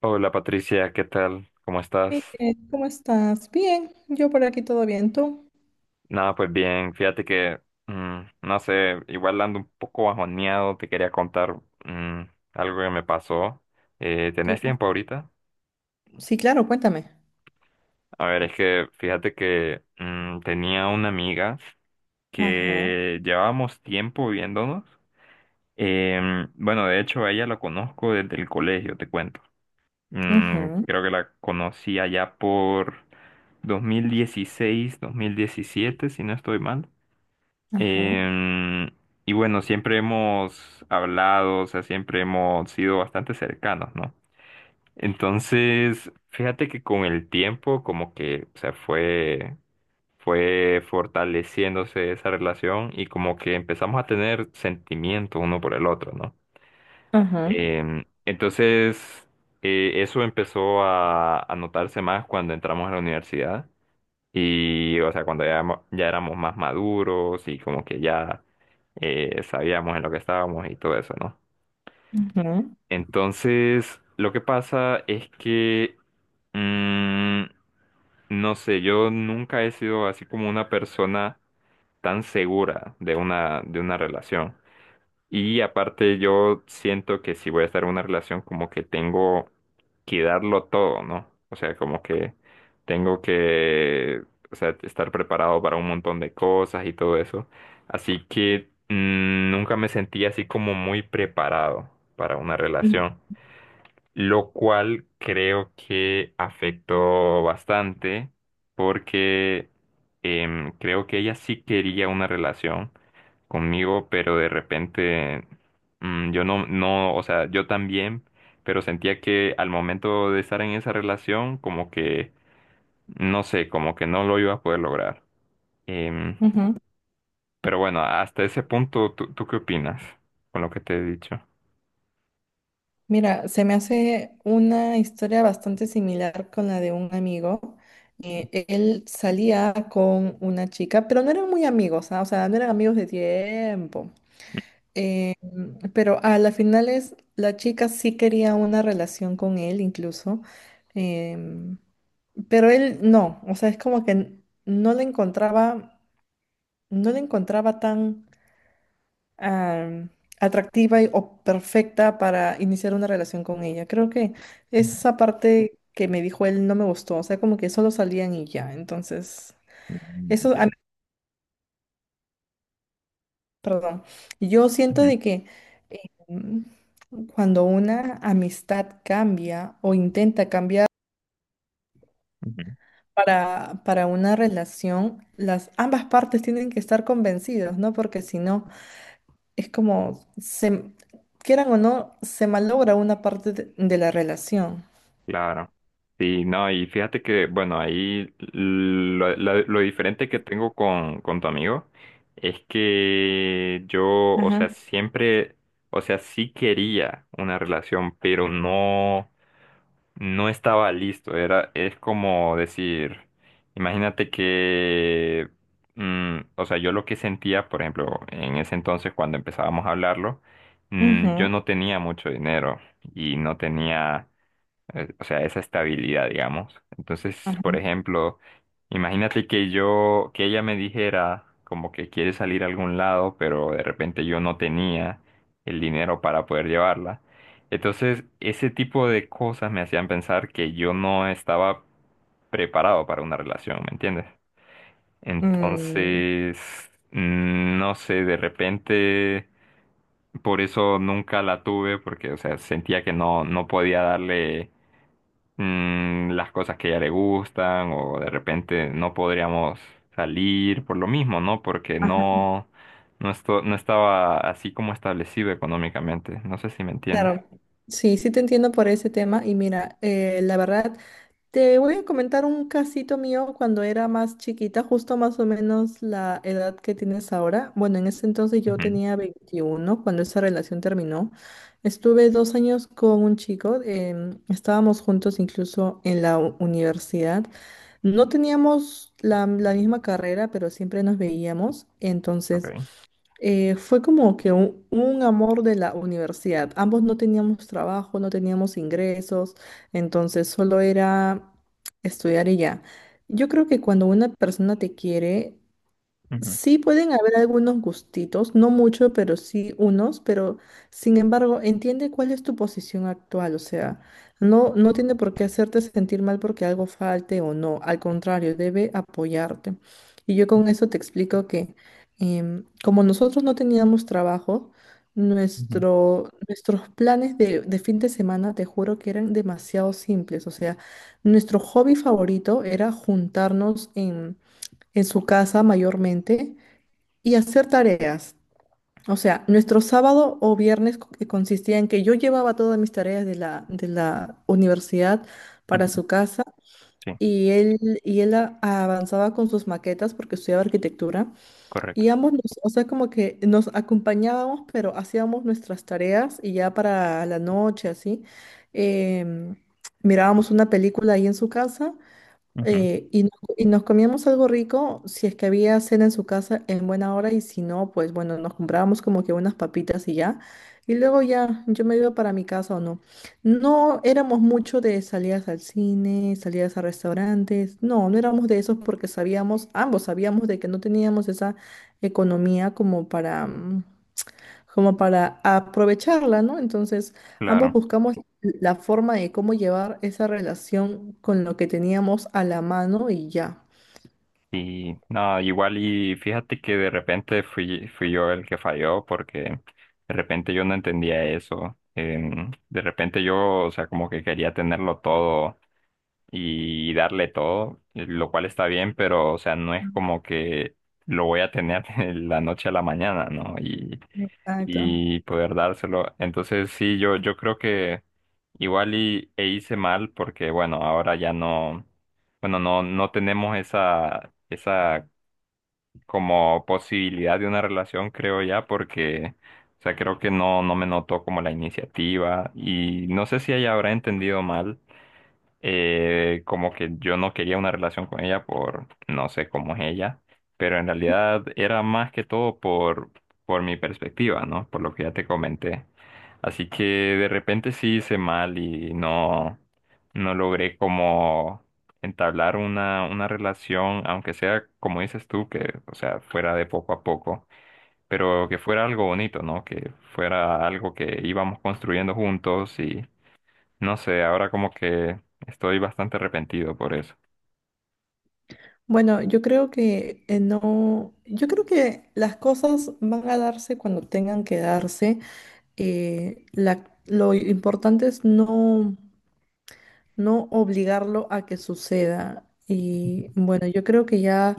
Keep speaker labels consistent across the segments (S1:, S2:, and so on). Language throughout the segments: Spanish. S1: Hola Patricia, ¿qué tal? ¿Cómo estás?
S2: Miguel, ¿cómo estás? Bien, yo por aquí todo bien, ¿tú?
S1: Nada, pues bien, fíjate que, no sé, igual ando un poco bajoneado, te quería contar mm, algo que me pasó.
S2: ¿Qué
S1: ¿Tenés
S2: más?
S1: tiempo ahorita?
S2: Sí, claro, cuéntame.
S1: A ver, es que fíjate que tenía una amiga
S2: Ajá,
S1: que llevábamos tiempo viéndonos. Bueno, de hecho a ella la conozco desde el colegio, te cuento.
S2: ujú,
S1: Creo que la conocí allá por 2016, 2017, si no estoy mal.
S2: ajá,
S1: Em, y bueno, siempre hemos hablado, o sea, siempre hemos sido bastante cercanos, ¿no? Entonces, fíjate que con el tiempo, como que, o sea, fue fortaleciéndose esa relación y como que empezamos a tener sentimientos uno por el otro, ¿no?
S2: ajá,
S1: Entonces, eso empezó a notarse más cuando entramos a la universidad. Y, o sea, cuando ya, ya éramos más maduros y como que ya sabíamos en lo que estábamos y todo eso, ¿no?
S2: ujú,
S1: Entonces, lo que pasa es que, mm, no sé, yo nunca he sido así como una persona tan segura de una relación. Y aparte yo siento que si voy a estar en una relación como que tengo que darlo todo, ¿no? O sea, como que tengo que, o sea, estar preparado para un montón de cosas y todo eso. Así que nunca me sentí así como muy preparado para una relación, lo cual creo que afectó bastante porque creo que ella sí quería una relación conmigo, pero de repente yo no, no, o sea, yo también, pero sentía que al momento de estar en esa relación, como que, no sé, como que no lo iba a poder lograr. Em,
S2: ujú.
S1: pero bueno, hasta ese punto, ¿tú qué opinas con lo que te he dicho?
S2: Mira, se me hace una historia bastante similar con la de un amigo. Él salía con una chica, pero no eran muy amigos, ah, o sea, no eran amigos de tiempo. Eh, pero a las finales la chica sí quería una relación con él incluso, em, pero él no, o sea, es como que no la encontraba, no la encontraba tan am, atractiva o perfecta para iniciar una relación con ella. Creo que
S1: Ujú.
S2: esa parte que me dijo él no me gustó, o sea, como que solo salían y ya, entonces
S1: Mm,
S2: eso a mí.
S1: entiendo.
S2: Perdón. Yo siento
S1: Ujú,
S2: de que eh, mm, cuando una amistad cambia o intenta cambiar
S1: ujú.
S2: para una relación, las ambas partes tienen que estar convencidas, ¿no? Porque si no, es como, se, quieran o no, se malogra una parte de la relación.
S1: Claro. Sí, no, y fíjate que, bueno, ahí lo diferente que tengo con tu amigo es que yo, o sea,
S2: Ajá.
S1: siempre, o sea, sí quería una relación, pero no, no estaba listo. Era, es como decir, imagínate que, o sea, yo lo que sentía, por ejemplo, en ese entonces cuando empezábamos a hablarlo, yo
S2: Ujú,
S1: no tenía mucho dinero y no tenía o sea, esa estabilidad, digamos. Entonces, por
S2: ajá.
S1: ejemplo, imagínate que yo, que ella me dijera como que quiere salir a algún lado, pero de repente yo no tenía el dinero para poder llevarla. Entonces, ese tipo de cosas me hacían pensar que yo no estaba preparado para una relación, ¿me entiendes?
S2: Mm,
S1: Entonces, no sé, de repente, por eso nunca la tuve, porque, o sea, sentía que no, no podía darle las cosas que a ella le gustan o de repente no podríamos salir por lo mismo, ¿no? Porque
S2: ajá.
S1: no, no, no estaba así como establecido económicamente. No sé si me entiendes.
S2: Claro. Sí, sí te entiendo por ese tema. Y mira, la verdad. Te voy a comentar un casito mío cuando era más chiquita, justo más o menos la edad que tienes ahora. Bueno, en ese entonces yo
S1: Ujú,
S2: tenía 21 cuando esa relación terminó. Estuve 2 años con un chico, estábamos juntos incluso en la universidad. No teníamos la misma carrera, pero siempre nos veíamos. Entonces
S1: ok.
S2: fue como que un amor de la universidad. Ambos no teníamos trabajo, no teníamos ingresos, entonces solo era estudiar y ya. Yo creo que cuando una persona te quiere,
S1: Ujú,
S2: sí pueden haber algunos gustitos, no mucho, pero sí unos, pero sin embargo, entiende cuál es tu posición actual, o sea, no, no tiene por qué hacerte sentir mal porque algo falte o no, al contrario, debe apoyarte. Y yo con eso te explico que como nosotros no teníamos trabajo,
S1: ujú,
S2: nuestros planes de fin de semana, te juro que eran demasiado simples, o sea, nuestro hobby favorito era juntarnos en su casa mayormente y hacer tareas. O sea, nuestro sábado o viernes que consistía en que yo llevaba todas mis tareas de la universidad para
S1: ujú.
S2: su casa
S1: Sí,
S2: y él avanzaba con sus maquetas porque estudiaba arquitectura
S1: correcto.
S2: y ambos, o sea, como que nos acompañábamos, pero hacíamos nuestras tareas y ya para la noche, así, em, mirábamos una película ahí en su casa.
S1: Ujú,
S2: Y, no- Y nos comíamos algo rico si es que había cena en su casa en buena hora y si no, pues bueno, nos comprábamos como que unas papitas y ya. Y luego ya yo me iba para mi casa o no. No éramos mucho de salidas al cine, salidas a restaurantes. No, no éramos de esos porque sabíamos, ambos sabíamos de que no teníamos esa economía como para, como para aprovecharla, ¿no? Entonces, ambos
S1: claro.
S2: buscamos la forma de cómo llevar esa relación con lo que teníamos a la mano y ya.
S1: Y nada, igual y fíjate que de repente fui yo el que falló porque de repente yo no entendía eso. De repente yo, o sea, como que quería tenerlo todo y darle todo, lo cual está bien, pero o sea, no es
S2: Mm.
S1: como que lo voy a tener de la noche a la mañana, ¿no?
S2: Exacto.
S1: Y poder dárselo. Entonces sí, yo creo que igual y, e hice mal porque bueno, ahora ya no, bueno, no, no tenemos esa como posibilidad de una relación, creo ya, porque o sea, creo que no, no me notó como la iniciativa y no sé si ella habrá entendido mal como que yo no quería una relación con ella por no sé cómo es ella, pero en realidad era más que todo por mi perspectiva, ¿no? Por lo que ya te comenté. Así que de repente sí hice mal y no, no logré como entablar una relación, aunque sea como dices tú, que, o sea, fuera de poco a poco, pero que fuera algo bonito, ¿no? Que fuera algo que íbamos construyendo juntos, no sé, ahora como que estoy bastante arrepentido por eso.
S2: Bueno, yo creo que no, yo creo que las cosas van a darse cuando tengan que darse. Lo importante es no no obligarlo a que suceda. Y bueno, yo creo que ya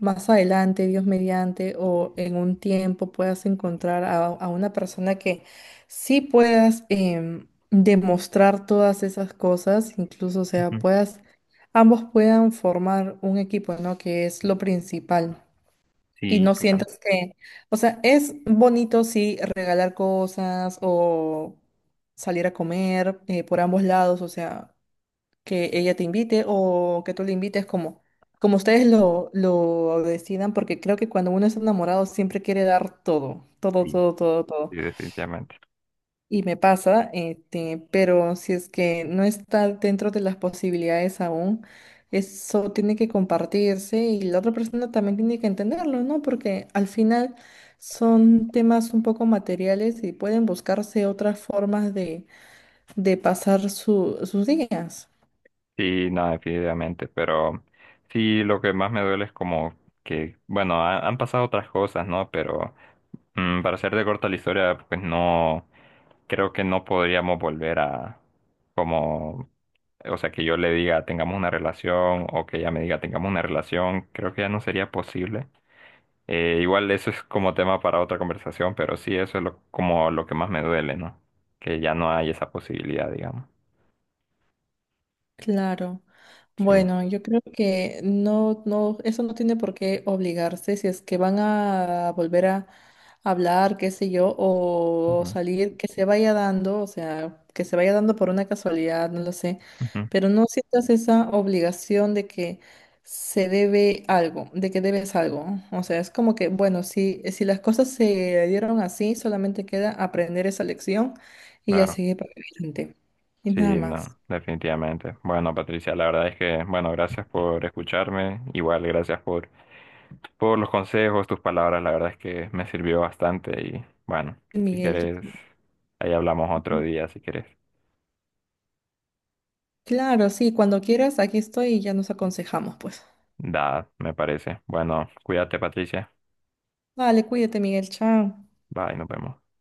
S2: más adelante, Dios mediante, o en un tiempo puedas encontrar a una persona que sí puedas demostrar todas esas cosas, incluso, o sea,
S1: Ujú.
S2: puedas, ambos puedan formar un equipo, ¿no? Que es lo principal. Y
S1: Sí,
S2: no
S1: claro,
S2: sientas que, o sea, es bonito sí regalar cosas o salir a comer por ambos lados, o sea, que ella te invite o que tú le invites como ustedes lo decidan, porque creo que cuando uno es enamorado siempre quiere dar todo, todo,
S1: sí,
S2: todo, todo, todo.
S1: sí, definitivamente.
S2: Y me pasa, este, pero si es que no está dentro de las posibilidades aún, eso tiene que compartirse y la otra persona también tiene que entenderlo, ¿no? Porque al final son temas un poco materiales y pueden buscarse otras formas de pasar sus días.
S1: Sí, no, definitivamente, pero sí, lo que más me duele es como que, bueno, han pasado otras cosas, ¿no? Pero para ser de corta la historia, pues no, creo que no podríamos volver a como, o sea, que yo le diga tengamos una relación o que ella me diga tengamos una relación, creo que ya no sería posible. Igual eso es como tema para otra conversación, pero sí, eso es lo, como lo que más me duele, ¿no? Que ya no hay esa posibilidad, digamos.
S2: Claro.
S1: Sí.
S2: Bueno, yo creo que no, no, eso no tiene por qué obligarse si es que van a volver a hablar, qué sé yo, o
S1: Ujú.
S2: salir, que se vaya dando, o sea, que se vaya dando por una casualidad, no lo sé,
S1: Ujú.
S2: pero no sientas esa obligación de que se debe algo, de que debes algo. ¿No? O sea, es como que, bueno, si las cosas se dieron así, solamente queda aprender esa lección y ya
S1: Claro,
S2: seguir para adelante. Y nada
S1: sí,
S2: más.
S1: no, definitivamente. Bueno, Patricia, la verdad es que, bueno, gracias por escucharme, igual gracias por los consejos, tus palabras, la verdad es que me sirvió bastante y bueno, si
S2: Miguel,
S1: quieres, ahí hablamos otro día, si quieres.
S2: claro, sí, cuando quieras, aquí estoy y ya nos aconsejamos, pues.
S1: Da, me parece. Bueno, cuídate, Patricia.
S2: Vale, cuídate, Miguel, chao.
S1: Bye, nos vemos.